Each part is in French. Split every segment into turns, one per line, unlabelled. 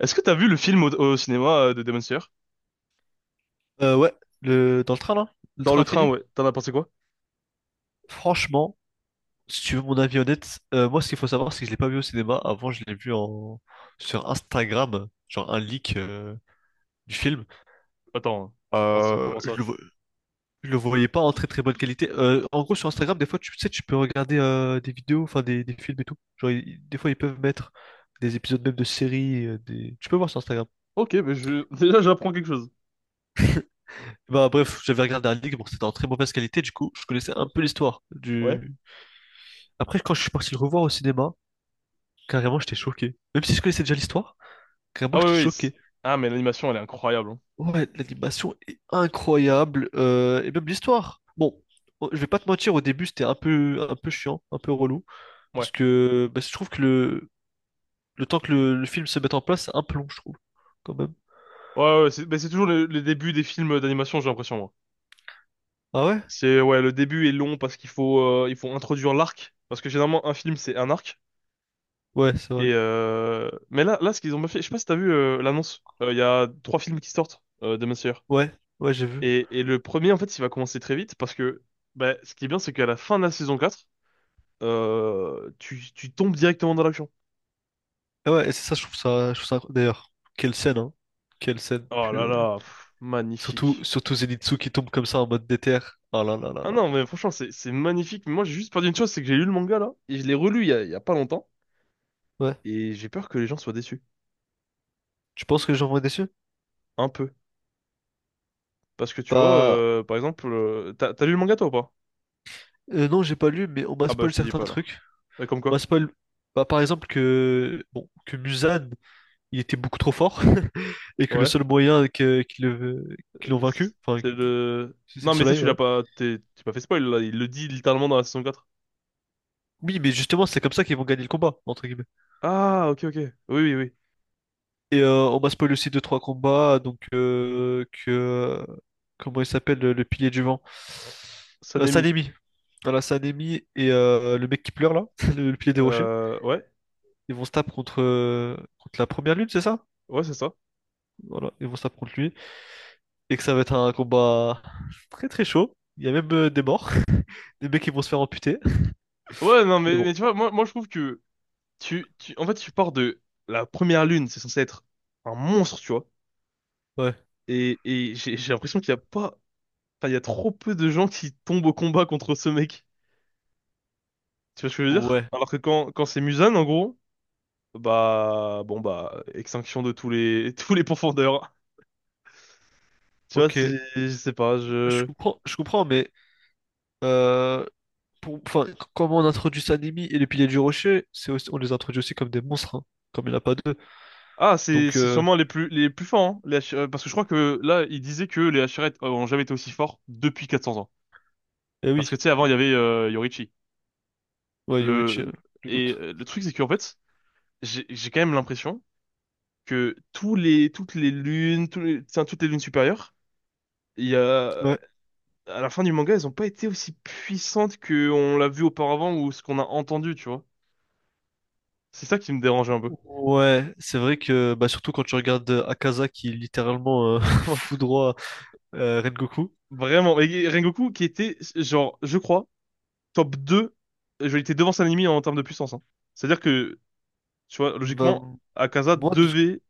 Est-ce que t'as vu le film au cinéma de Demon Slayer?
Ouais, dans le train là, le
Dans
train
le train,
infini.
ouais. T'en as pensé quoi?
Franchement, si tu veux mon avis honnête, moi ce qu'il faut savoir c'est que je l'ai pas vu au cinéma. Avant je l'ai vu en sur Instagram, genre un leak du film.
Attends, comment, ça?
Euh,
Comment ça?
je le... vo- je le voyais pas en très très bonne qualité. En gros sur Instagram des fois tu sais tu peux regarder des vidéos, enfin des films et tout. Genre des fois ils peuvent mettre des épisodes même de séries, tu peux voir sur Instagram.
Ok, mais je... déjà j'apprends quelque chose.
Bah bref, j'avais regardé un leak, bon c'était en très mauvaise qualité du coup je connaissais un
Oh.
peu l'histoire
Ouais.
du. Après quand je suis parti le revoir au cinéma. Carrément, j'étais choqué. Même si je connaissais déjà l'histoire, carrément,
Ah oui,
j'étais
oui. C'est-
choqué.
Ah, mais l'animation, elle est incroyable, hein.
Ouais, l'animation est incroyable, et même l'histoire. Bon, oh, je vais pas te mentir, au début, c'était un peu chiant, un peu relou,
Ouais.
parce que bah, je trouve que le temps que le film se mette en place, c'est un peu long, je trouve, quand même.
Ouais, ouais, c'est mais c'est toujours le début des films d'animation, j'ai l'impression, moi.
Ah ouais?
C'est, ouais, le début est long parce qu'il faut, il faut introduire l'arc. Parce que généralement, un film, c'est un arc.
Ouais, c'est vrai.
Et mais là, ce qu'ils ont fait, je sais pas si t'as vu l'annonce. Il y a trois films qui sortent, Demon Slayer.
Ouais, ouais, j'ai vu.
Et le premier, en fait, il va commencer très vite parce que bah, ce qui est bien, c'est qu'à la fin de la saison 4, tu tombes directement dans l'action.
Ah ouais, et c'est ça, je trouve ça, je trouve ça. D'ailleurs, quelle scène, hein? Quelle scène
Oh là
purée.
là, pff,
Surtout,
magnifique.
surtout Zenitsu qui tombe comme ça en mode déter. Ah là là là là
Ah non,
là.
mais franchement, c'est magnifique. Mais moi, j'ai juste peur d'une chose, c'est que j'ai lu le manga là, et je l'ai relu il y a pas longtemps,
Ouais.
et j'ai peur que les gens soient déçus.
Tu penses que les gens vont être déçus?
Un peu. Parce que tu vois,
Bah,
par exemple, t'as lu le manga toi ou pas?
Non, j'ai pas lu, mais on m'a
Ah bah,
spoil
je te dis
certains
pas alors.
trucs.
Comme
On m'a
quoi?
spoil, bah, par exemple, que, bon, que Musan, il était beaucoup trop fort, et que le
Ouais.
seul moyen que, qu'ils l'ont
Euh,
vaincu, enfin,
c'est le.
c'est le
Non, mais ça,
soleil,
tu l'as
ouais.
pas. T'es pas fait spoil là, il le dit littéralement dans la saison 4.
Oui, mais justement, c'est comme ça qu'ils vont gagner le combat, entre guillemets.
Ah, ok, ok. Oui, oui, oui.
Et on m'a spoil aussi deux, trois combats, donc que. Comment il s'appelle, le pilier du vent?
Sanemi.
Sanemi. Voilà, Sanemi et le mec qui pleure là, le pilier des rochers.
Ouais,
Ils vont se taper contre la première lune, c'est ça?
ouais, c'est ça.
Voilà, ils vont se taper contre lui, et que ça va être un combat très très chaud. Il y a même des morts, des mecs qui vont se faire amputer.
Ouais, non,
Mais bon,
mais tu vois, moi, moi, je trouve que en fait, tu pars de la première lune, c'est censé être un monstre, tu vois.
ouais,
Et j'ai l'impression qu'il y a pas, enfin, il y a trop peu de gens qui tombent au combat contre ce mec. Tu vois ce que je veux dire?
ouais,
Alors que quand, quand c'est Muzan, en gros, bah, bon, bah, extinction de tous les, tous les pourfendeurs. Tu vois,
ok.
c'est, je sais pas, je.
Je comprends, mais euh, pour, enfin, comment on introduit Sanemi et les piliers du rocher, c'est aussi, on les introduit aussi comme des monstres, hein, comme il n'y en a pas deux.
Ah,
Donc,
c'est sûrement les plus forts, hein, les Hashi- parce que je crois que là, il disait que les Hachirettes ont jamais été aussi forts depuis 400 ans.
eh
Parce que
oui,
tu sais, avant, il y avait Yorichi.
ouais, Yoichi,
Le...
le
Et
GOAT.
le truc, c'est qu'en fait, j'ai quand même l'impression que tous les, toutes les lunes, tous les- enfin, toutes les lunes supérieures, il y a...
Ouais.
à la fin du manga, elles n'ont pas été aussi puissantes qu'on l'a vu auparavant ou ce qu'on a entendu, tu vois. C'est ça qui me dérangeait un peu.
Ouais, c'est vrai que bah, surtout quand tu regardes Akaza qui littéralement fout droit Rengoku,
Vraiment. Et Rengoku, qui était, genre, je crois, top deux, il était devant Sanemi en termes de puissance, hein. C'est-à-dire que, tu vois,
bah,
logiquement, Akaza
moi,
devait...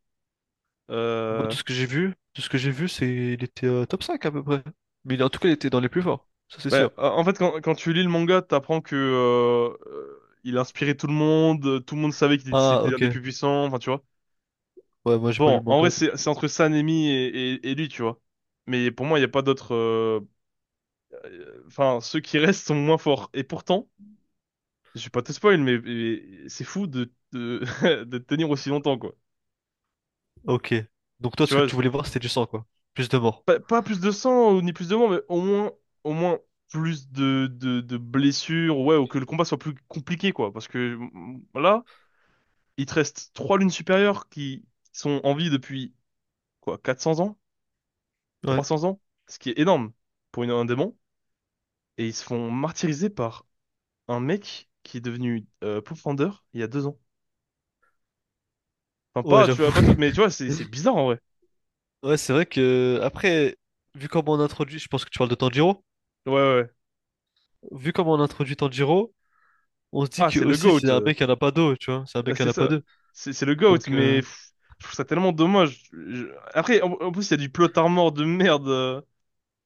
Moi, de
euh,
ce que j'ai vu, de ce que j'ai vu, c'est il était top 5 à peu près. Mais en tout cas, il était dans les plus forts, ça c'est
Ben,
sûr.
en fait, quand, quand tu lis le manga, t'apprends que il inspirait tout le monde savait qu'il était
Ah,
c'était un des
ok.
plus puissants, enfin tu vois.
Ouais, moi j'ai pas lu
Bon,
le
en vrai,
manga donc.
c'est entre Sanemi et lui, tu vois. Mais pour moi, il n'y a pas d'autres. Enfin, ceux qui restent sont moins forts. Et pourtant, je vais pas te spoil, mais c'est fou de, de tenir aussi longtemps, quoi.
Ok. Donc toi,
Tu
ce que
vois,
tu voulais voir, c'était du sang quoi. Plus de morts.
pas, pas plus de sang ou ni plus de mort, mais au moins plus de blessures, ouais, ou que le combat soit plus compliqué, quoi. Parce que là. Il te reste trois lunes supérieures qui sont en vie depuis quoi, 400 ans, trois
Ouais.
cents ans, ce qui est énorme pour une, un démon. Et ils se font martyriser par un mec qui est devenu Pathfinder il y a deux ans. Enfin,
Ouais,
pas, tu vois, pas
j'avoue.
tout, mais tu vois, c'est bizarre en vrai.
Ouais, c'est vrai que après, vu comment on introduit, je pense que tu parles de Tanjiro.
Ouais, ouais, ouais.
Vu comment on introduit Tanjiro, on se dit
Ah,
que
c'est le
aussi
GOAT.
c'est un mec qui en a pas deux, tu vois. C'est un mec qui
C'est
en a pas
ça.
deux.
C'est le GOAT,
Donc
mais pff, je trouve ça tellement dommage. Je- Après, en, en plus, il y a du plot armor de merde.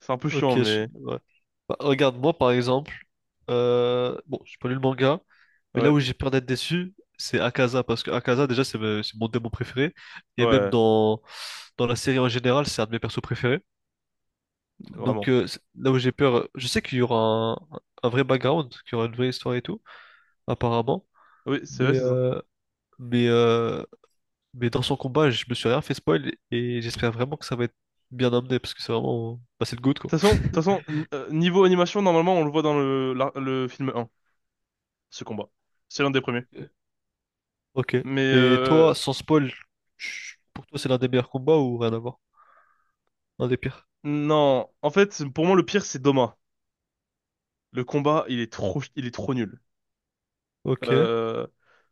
C'est un peu
ok,
chiant, mais
ouais. Bah, regarde, moi par exemple, bon, j'ai pas lu le manga, mais là
ouais,
où j'ai peur d'être déçu, c'est Akaza, parce que Akaza, déjà, c'est mon démon préféré, et même
ouais,
dans la série en général, c'est un de mes persos préférés. Donc
vraiment.
là où j'ai peur, je sais qu'il y aura un vrai background, qu'il y aura une vraie histoire et tout, apparemment,
Oui, c'est vrai,
mais,
c'est ça.
euh, mais, euh, mais dans son combat, je me suis rien fait spoil, et j'espère vraiment que ça va être bien amené, parce que c'est vraiment, bah, c'est le GOAT,
Toute
quoi.
façon, de toute façon, n- niveau animation, normalement, on le voit dans le, la- le film 1, ce combat. C'est l'un des premiers.
Ok.
Mais
Et toi, sans spoil, pour toi, c'est l'un des meilleurs combats ou rien à voir? Un des pires.
non, en fait, pour moi, le pire, c'est Doma. Le combat, il est trop nul.
Ok,
Euh,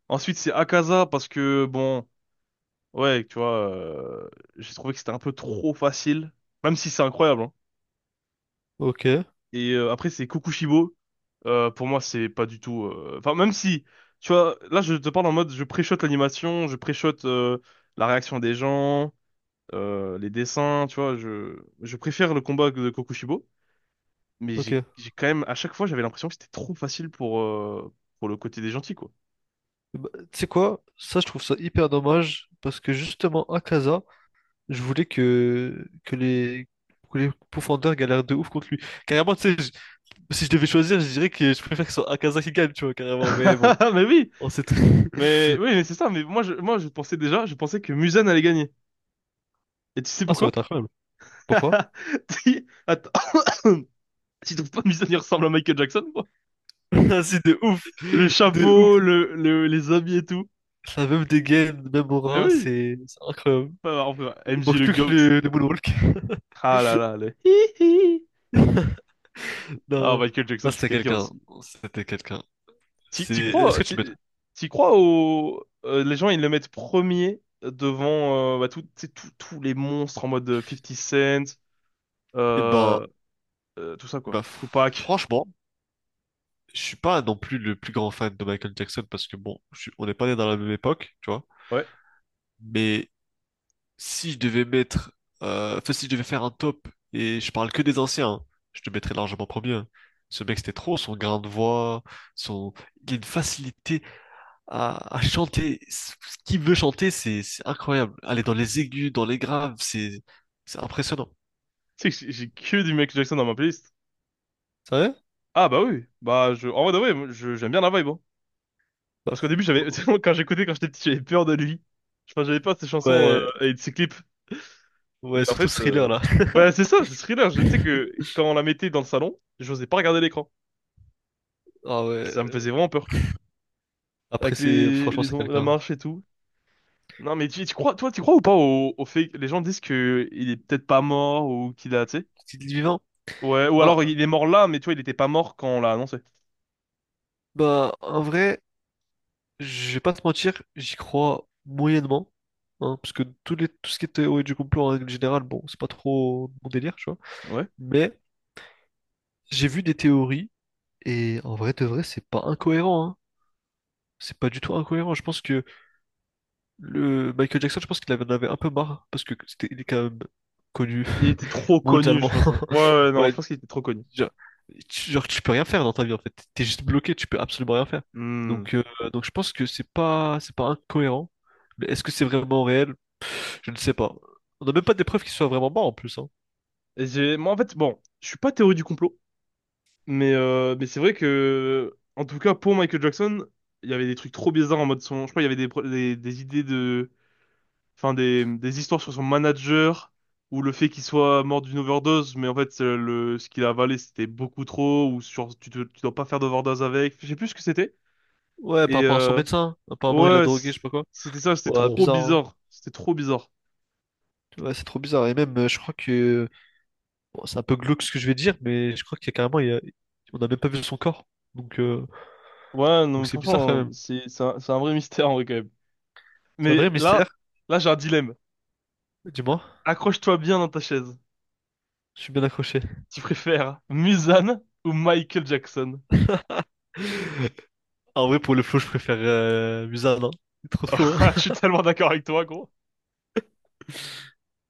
ensuite, c'est Akaza, parce que, bon, ouais, tu vois, j'ai trouvé que c'était un peu trop facile, même si c'est incroyable, hein.
ok,
Et après, c'est Kokushibo. Pour moi, c'est pas du tout... Enfin, même si, tu vois, là, je te parle en mode, je préchote l'animation, je préchote la réaction des gens. Les dessins, tu vois, je préfère le combat de Kokushibo, mais j'ai
ok.
j'ai quand même, à chaque fois, j'avais l'impression que c'était trop facile pour le côté des gentils, quoi.
Bah, tu sais quoi? Ça, je trouve ça hyper dommage parce que justement, à Akaza, je voulais que les profondeurs galèrent de ouf contre lui. Carrément, tu sais, si je devais choisir, je dirais que je préfère que ce soit Akaza qui gagne, tu vois, carrément. Mais bon,
Mais oui,
on sait tout.
mais oui, mais c'est ça, mais moi, je pensais déjà, je pensais que Muzan allait gagner. Et tu sais
Ah, ça va
pourquoi?
être incroyable. Pourquoi?
Si- Attends. Tu trouves pas Muzan, il ressemble à Michael Jackson, quoi?
Ah, si, de ouf!
Le
De ouf!
chapeau, le- les habits et tout.
Ça a même des gains, même
Mais
aura,
oui,
c'est incroyable.
enfin, enfin,
Il
MJ
manque
le
plus que
GOAT.
le moonwalk.
Ah là là, le hi hi. Ah,
Non,
Michael
là
Jackson, c'est
c'était
quelqu'un
quelqu'un,
aussi.
c'était quelqu'un.
T'y t'y
Est-ce
crois,
que tu
t'y
le mettrais?
t'y crois au... les gens, ils le mettent premier devant bah, tout- tu sais, tout- tous les monstres en mode 50 Cent,
Eh ben,
euh, tout ça, quoi.
ben,
Tupac.
franchement, je suis pas non plus le plus grand fan de Michael Jackson parce que bon, on n'est pas né dans la même époque, tu vois.
Ouais.
Mais si je devais mettre, enfin, si je devais faire un top et je parle que des anciens, hein, je te mettrais largement premier, hein. Ce mec c'était trop, son grain de voix, son, il a une facilité à chanter. Ce qu'il veut chanter, c'est incroyable. Aller dans les aigus, dans les graves, c'est impressionnant.
Tu sais que j'ai que du Michael Jackson dans ma playlist.
Ça va
Ah bah oui. Bah, je... En vrai, ouais, je... j'aime bien la vibe, hein.
Bah,
Parce qu'au début, j'avais... quand j'écoutais, quand j'étais petit, j'avais peur de lui. Enfin, j'avais peur de ses chansons
ouais,
et de ses clips.
ouais,
Mais en
surtout
fait...
Thriller là.
Bah, c'est ça, c'est Thriller. Je- Tu sais que quand on la mettait dans le salon, j'osais pas regarder l'écran.
Ah ouais.
Ça me faisait vraiment peur.
Après,
Avec
c'est franchement,
les
c'est
on- la
quelqu'un.
marche et tout. Non, mais tu crois, toi, tu crois ou pas au fait que les gens disent que il est peut-être pas mort ou qu'il a, tu sais?
Est vivant?
Ouais, ou
Bah,
alors il est mort là, mais tu vois, il était pas mort quand on l'a annoncé.
bah, en vrai, je vais pas te mentir, j'y crois moyennement. Hein, parce que tout ce qui est théorie du complot en règle générale, bon, c'est pas trop mon délire, tu vois.
Ouais.
Mais j'ai vu des théories, et en vrai de vrai, c'est pas incohérent, hein. C'est pas du tout incohérent. Je pense que le Michael Jackson, je pense qu'il en avait un peu marre, parce que il est quand même connu
Il était trop connu, je
mondialement.
pense. Ouais, ouais, non, je
Ouais,
pense qu'il était trop connu.
genre, genre, tu peux rien faire dans ta vie en fait. T'es juste bloqué, tu peux absolument rien faire.
Hmm.
Donc, euh, donc, je pense que c'est pas incohérent. Mais est-ce que c'est vraiment réel? Je ne sais pas. On n'a même pas des preuves qu'il soit vraiment mort en plus, hein.
Et j'ai, moi, en fait, bon, je suis pas théorie du complot, mais c'est vrai que, en tout cas, pour Michael Jackson, il y avait des trucs trop bizarres en mode son, je crois, il y avait des, pro- des idées de, enfin des histoires sur son manager ou le fait qu'il soit mort d'une overdose, mais en fait le ce qu'il a avalé c'était beaucoup trop ou sur tu, te- tu dois pas faire d'overdose avec, je sais plus ce que c'était.
Ouais, par
Et
rapport à son médecin. Apparemment, il l'a
ouais,
drogué, je
c-
sais pas quoi.
c'était ça, c'était
Ouais,
trop
bizarre, hein.
bizarre, c'était trop bizarre.
Ouais, c'est trop bizarre. Et même, je crois que. Bon, c'est un peu glauque ce que je vais dire, mais je crois qu'il y a carrément. On n'a même pas vu son corps. Donc, euh,
Ouais,
donc,
non,
c'est bizarre quand
franchement,
même.
c'est un vrai mystère en vrai quand même.
C'est un vrai
Mais
mystère.
là, là j'ai un dilemme.
Dis-moi,
Accroche-toi bien dans ta chaise.
je suis bien accroché.
Tu préfères Mulan ou Michael Jackson?
En vrai, pour le flow, je préfère Musa, non? Il est trop slow,
Je suis tellement d'accord avec toi, gros.